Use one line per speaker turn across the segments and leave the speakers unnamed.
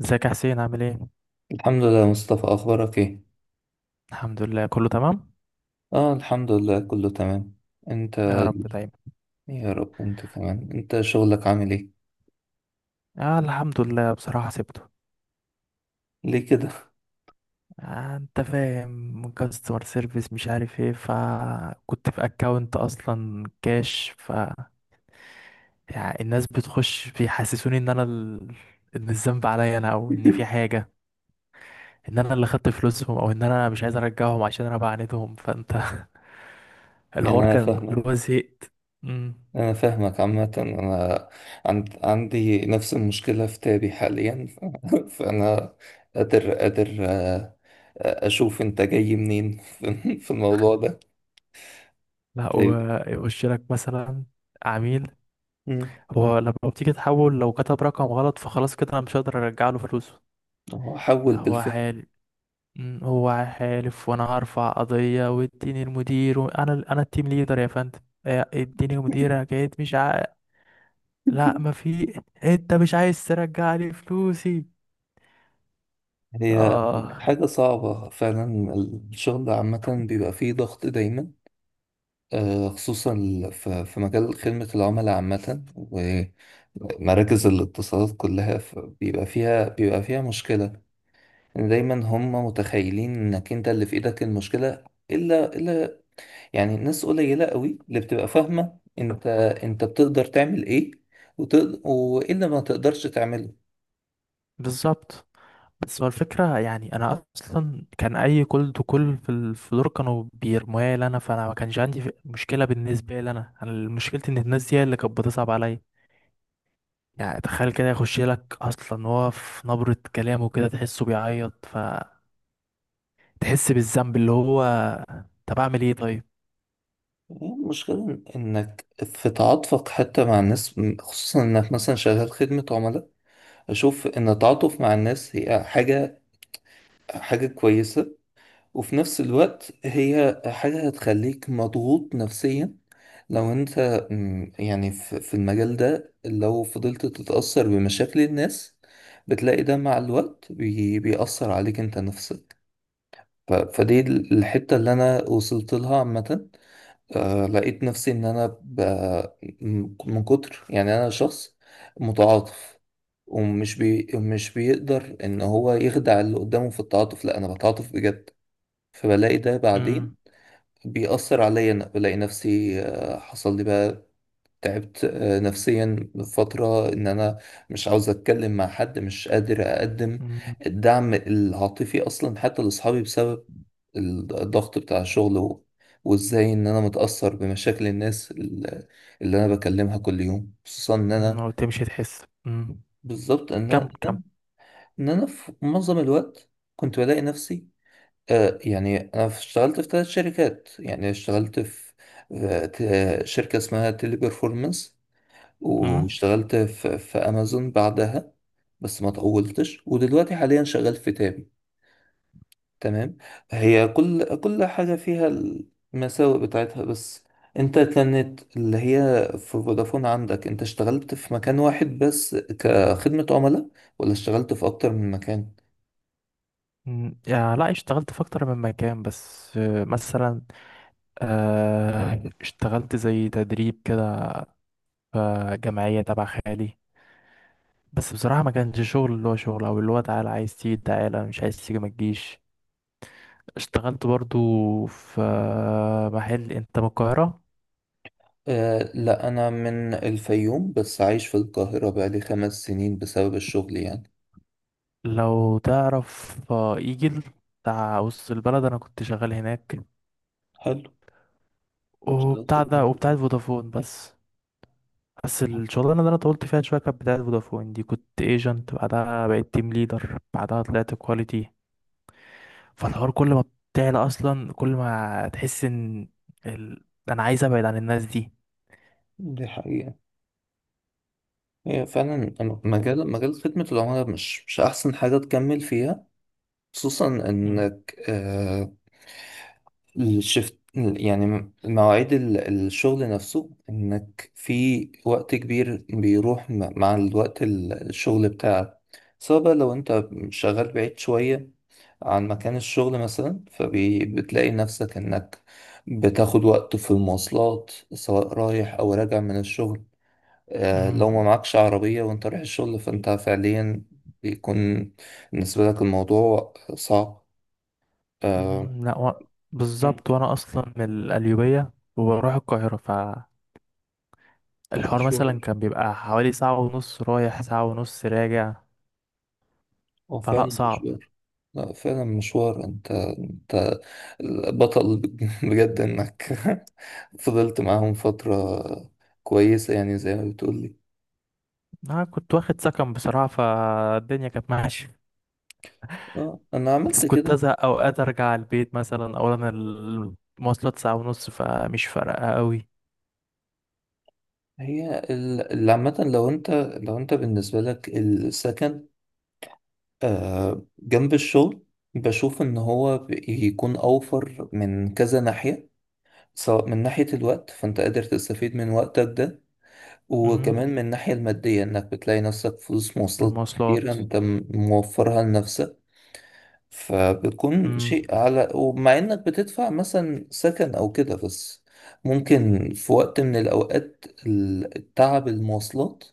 ازيك يا حسين عامل ايه؟
الحمد لله يا مصطفى، أخبارك إيه؟
الحمد لله كله تمام.
الحمد لله كله تمام. أنت.
يا رب دايما.
يا رب، أنت كمان. أنت شغلك عامل إيه؟
آه، الحمد لله. بصراحة سبته.
ليه كده؟
آه، انت فاهم، كاستمر سيرفيس مش عارف ايه، فكنت في اكونت اصلا كاش يعني الناس بتخش بيحسسوني ان انا ان الذنب عليا انا، او ان في حاجة، ان انا اللي خدت فلوسهم، او ان انا مش عايز ارجعهم عشان انا بعاندهم، فانت...
يعني
الحوار
أنا
كان اللي
فاهمك.
هو زهقت. مم.
أنا فاهمك عامة. أنا عندي نفس المشكلة في تابي حاليا. فأنا قادر، أشوف أنت جاي منين في الموضوع ده.
لا،
طيب.
ويخش لك مثلا عميل.
مم.
هو لما بتيجي تحول، لو كتب رقم غلط فخلاص كده انا مش هقدر ارجع له فلوسه.
هو حول
لا، هو
بالفعل.
حال. مم، هو حالف وانا هرفع قضية، واديني المدير انا التيم ليدر يا فندم. آه، اديني مدير حكاية مش لا ما في، انت مش عايز ترجع لي فلوسي.
هي
اه.
حاجة صعبة فعلا. الشغل عامة بيبقى فيه ضغط دايما. خصوصا في مجال خدمة العملاء عامة ومراكز الاتصالات كلها، بيبقى فيها مشكلة، إن دايما هم متخيلين انك انت اللي في ايدك المشكلة. الا يعني ناس قليلة قوي اللي بتبقى فاهمة انت انت بتقدر تعمل ايه وتقدر وايه اللي ما تقدرش تعمله.
بالظبط. بس هو الفكرة يعني، انا اصلا كان اي كل تو كل في ال- في دول كانوا بيرموها لي انا، فانا ما كانش عندي مشكلة بالنسبة لي أنا مشكلتي ان الناس دي هي اللي كانت بتصعب عليا. يعني تخيل كده يخش لك، اصلا هو في نبرة كلامه كده تحسه بيعيط، فتحس بالذنب اللي هو... طب اعمل ايه طيب؟
المشكلة انك في تعاطفك حتى مع الناس، خصوصا انك مثلا شغال خدمة عملاء. اشوف ان التعاطف مع الناس هي حاجة، حاجة كويسة. وفي نفس الوقت هي حاجة هتخليك مضغوط نفسيا لو انت. مم، يعني في المجال ده لو فضلت تتأثر بمشاكل الناس بتلاقي ده مع الوقت بيأثر عليك انت نفسك. فدي الحتة اللي انا وصلت لها عامة. لقيت نفسي ان من كتر، يعني انا شخص متعاطف، مش بيقدر ان هو يخدع اللي قدامه في التعاطف، لا انا بتعاطف بجد. فبلاقي ده بعدين
امم.
بيأثر عليا. أنا بلاقي نفسي، حصل لي بقى تعبت، نفسيا فترة، إن أنا مش عاوز أتكلم مع حد، مش قادر أقدم
امم.
الدعم العاطفي أصلا حتى لأصحابي، بسبب الضغط بتاع الشغل و... وإزاي إن أنا متأثر بمشاكل الناس اللي أنا بكلمها كل يوم، خصوصا إن
أمم،
أنا...
وتمشي تحس. امم.
بالظبط، إن
كم كم.
أنا إن أنا في معظم الوقت كنت بلاقي نفسي. يعني أنا اشتغلت في 3 شركات. يعني اشتغلت في شركة اسمها تيلي بيرفورمانس،
امم.
واشتغلت في أمازون بعدها. بس ما طولتش، ودلوقتي حاليا شغال في تابي. تمام. هي كل كل حاجة فيها المساوئ بتاعتها. بس أنت كانت اللي هي في فودافون، عندك أنت اشتغلت في مكان واحد بس كخدمة عملاء، ولا اشتغلت في أكتر من مكان؟
أمم، يا لا، اشتغلت في اكتر من مكان بس. مثلا اشتغلت زي تدريب كده في جمعية تبع خالي، بس بصراحة ما كانش شغل، اللي هو شغل او اللي هو تعالى عايز تيجي تعالى مش عايز تيجي ما تجيش. اشتغلت برضو في محل. انت من القاهرة؟
أه لا، أنا من الفيوم بس عايش في القاهرة بقالي 5 سنين بسبب الشغل يعني.
لو تعرف ايجل بتاع وسط البلد، انا كنت شغال هناك.
حلو. اشتغلت في
وبتاع ده، وبتاع
البنك.
فودافون بس. بس الشغلانة اللي انا طولت فيها شوية كانت بتاعت فودافون دي، كنت ايجنت بعدها بقيت تيم ليدر بعدها طلعت كواليتي. فالحوار كل ما بتعلى اصلا، كل ما تحس ان انا عايز ابعد عن الناس دي.
دي حقيقة. هي فعلا مجال خدمة العملاء مش أحسن حاجة تكمل فيها. خصوصا
مم.
إنك، الشفت يعني مواعيد الشغل نفسه، انك في وقت كبير بيروح مع الوقت الشغل بتاعك، سواء بقى لو انت شغال بعيد شوية عن مكان الشغل مثلا، فبتلاقي نفسك انك بتاخد وقت في المواصلات سواء رايح او راجع من الشغل. لو ما
مم.
معكش عربية وانت رايح الشغل فانت فعليا بيكون بالنسبة لك الموضوع صعب. آه،
مهم. لا
مم.
بالظبط، وانا اصلا من القليوبيه وبروح القاهره، فالحوار مثلا
المشوار
كان بيبقى حوالي ساعه ونص رايح ساعه ونص راجع.
هو
فلا،
فعلا
صعب.
مشوار. لا فعلا مشوار، انت انت بطل. بجد انك فضلت معاهم فترة كويسة، يعني زي ما بتقولي.
انا كنت واخد سكن بصراحه، فالدنيا كانت ماشيه.
اه انا
بس
عملت
كنت
كده.
ازهق اوقات ارجع على البيت مثلا. اولا المواصلات ساعه ونص، فمش فارقه قوي.
هي اللي عامة لو انت، لو انت بالنسبة لك السكن جنب الشغل، بشوف ان هو بيكون اوفر من كذا ناحية. سواء من ناحية الوقت فانت قادر تستفيد من وقتك ده،
مم.
وكمان من الناحية المادية إنك بتلاقي نفسك فلوس مواصلات
المواصلات.
كتير أنت موفرها لنفسك. فبتكون
مم.
شيء على، ومع إنك بتدفع مثلا سكن أو كده، بس ممكن في وقت من الأوقات التعب المواصلات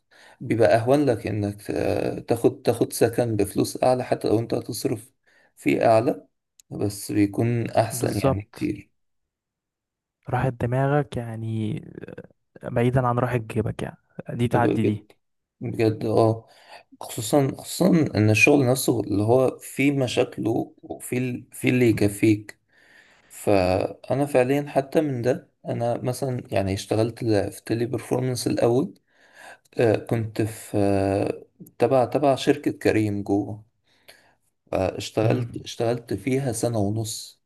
بيبقى أهون لك إنك تاخد سكن بفلوس أعلى، حتى لو أنت هتصرف فيه أعلى، بس بيكون أحسن يعني
بالظبط.
كتير.
راحة دماغك يعني، بعيدا عن راحة جيبك يعني، دي تعدي
بجد،
دي.
بجد اه. خصوصا خصوصا ان الشغل نفسه اللي هو فيه مشاكله وفيه فيه اللي يكفيك. فانا فعليا حتى من ده انا مثلا يعني اشتغلت في تيلي بيرفورمانس الاول. كنت في، تبع شركة كريم جوه. اشتغلت
مم.
اشتغلت فيها سنة ونص.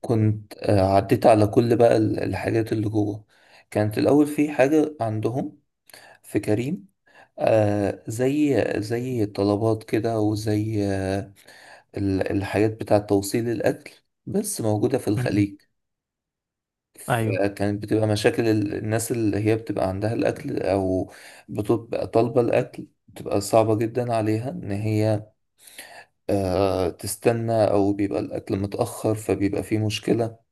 كنت عديت على كل بقى الحاجات اللي جوه. كانت الاول في حاجة عندهم في كريم زي، زي الطلبات كده، وزي الحاجات بتاع توصيل الأكل، بس موجودة في
مم.
الخليج.
ايوه،
فكانت بتبقى مشاكل الناس اللي هي بتبقى عندها الأكل أو بتبقى طالبة الأكل، بتبقى صعبة جدا عليها إن هي تستنى، أو بيبقى الأكل متأخر فبيبقى فيه مشكلة.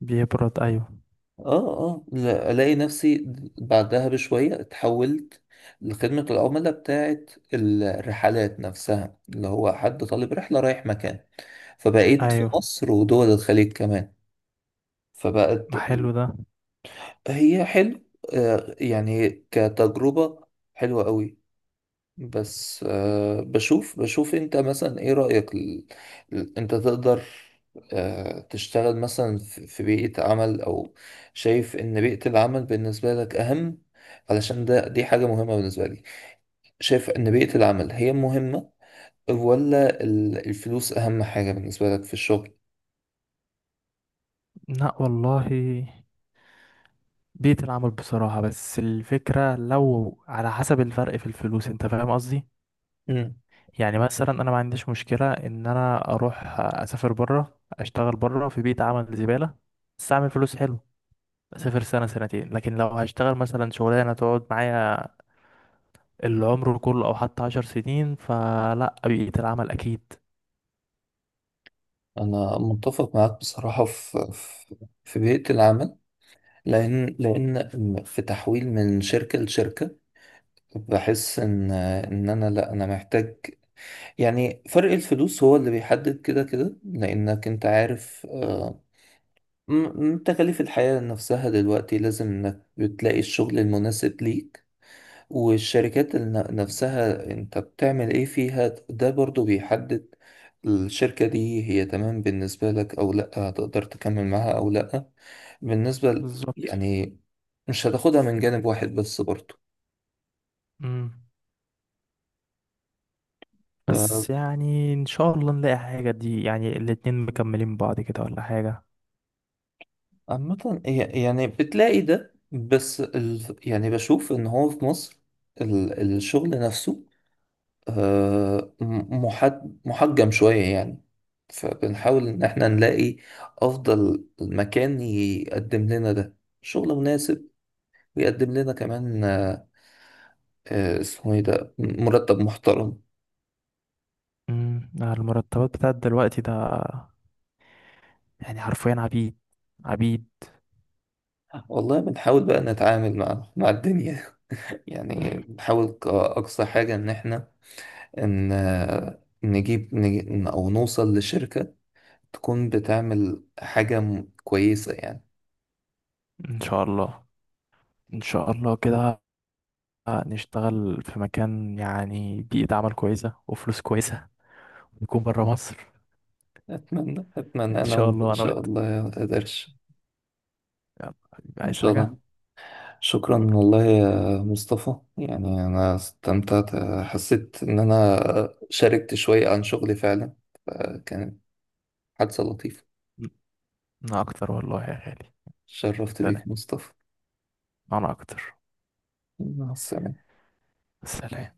بيبرد، ايوه.
اه الاقي نفسي بعدها بشويه اتحولت لخدمه العملاء بتاعه الرحلات نفسها، اللي هو حد طالب رحله رايح مكان، فبقيت في
ايوه،
مصر ودول الخليج كمان. فبقت
ما حلو ده.
هي حلو. يعني كتجربه حلوه قوي. بس بشوف انت مثلا ايه رأيك، انت تقدر تشتغل مثلا في بيئة عمل، او شايف ان بيئة العمل بالنسبة لك اهم؟ علشان ده دي حاجة مهمة بالنسبة لي. شايف ان بيئة العمل هي مهمة ولا الفلوس اهم حاجة بالنسبة لك في الشغل؟
لا والله، بيئة العمل بصراحة. بس الفكرة لو على حسب الفرق في الفلوس، انت فاهم قصدي.
مم.
يعني مثلا انا ما عنديش مشكلة ان انا اروح اسافر بره، اشتغل بره في بيئة عمل زبالة بس اعمل فلوس حلو، اسافر سنة سنتين. لكن لو هشتغل مثلا شغلانة تقعد معايا العمر كله او حتى 10 سنين، فلا، بيئة العمل اكيد.
انا متفق معاك بصراحة في في بيئة العمل. لان في تحويل من شركة لشركة، بحس ان انا لا، انا محتاج يعني فرق الفلوس هو اللي بيحدد كده كده، لانك انت عارف، م- تكاليف الحياة نفسها دلوقتي، لازم انك بتلاقي الشغل المناسب ليك. والشركات نفسها انت بتعمل ايه فيها، ده برضو بيحدد الشركة دي هي تمام بالنسبة لك او لا، هتقدر تكمل معاها او لا. بالنسبة
بالظبط.
يعني مش هتاخدها من جانب واحد بس برضو.
امم. بس يعني ان شاء الله نلاقي حاجة دي، يعني الاتنين مكملين بعض كده ولا حاجة.
عامة، يعني بتلاقي ده، بس يعني بشوف ان هو في مصر الشغل نفسه، محجم شوية يعني. فبنحاول ان احنا نلاقي افضل مكان يقدم لنا ده شغل مناسب، ويقدم لنا كمان، اسمه ايه ده، مرتب محترم.
امم. المرتبات بتاعت دلوقتي ده يعني حرفيا عبيد، عبيد.
والله بنحاول بقى نتعامل مع الدنيا. يعني بنحاول كأقصى حاجة ان احنا ان نجيب او نوصل لشركة تكون بتعمل حاجة كويسة يعني.
ان شاء الله. ان شاء الله كده نشتغل في مكان، يعني بيئة عمل كويسة وفلوس كويسة، نكون برا مصر.
اتمنى
ان
انا
شاء
وانت ان
الله انا
شاء
وانت.
الله يا قدرش.
يلا حبيبي،
ان
عايز
شاء
حاجة؟
الله. شكرا والله يا مصطفى، يعني انا استمتعت، حسيت ان انا شاركت شوية عن شغلي فعلا. فكانت حادثة لطيفة.
انا اكتر والله يا غالي.
شرفت
سلام.
بيك مصطفى.
انا اكتر.
مع السلامة.
سلام.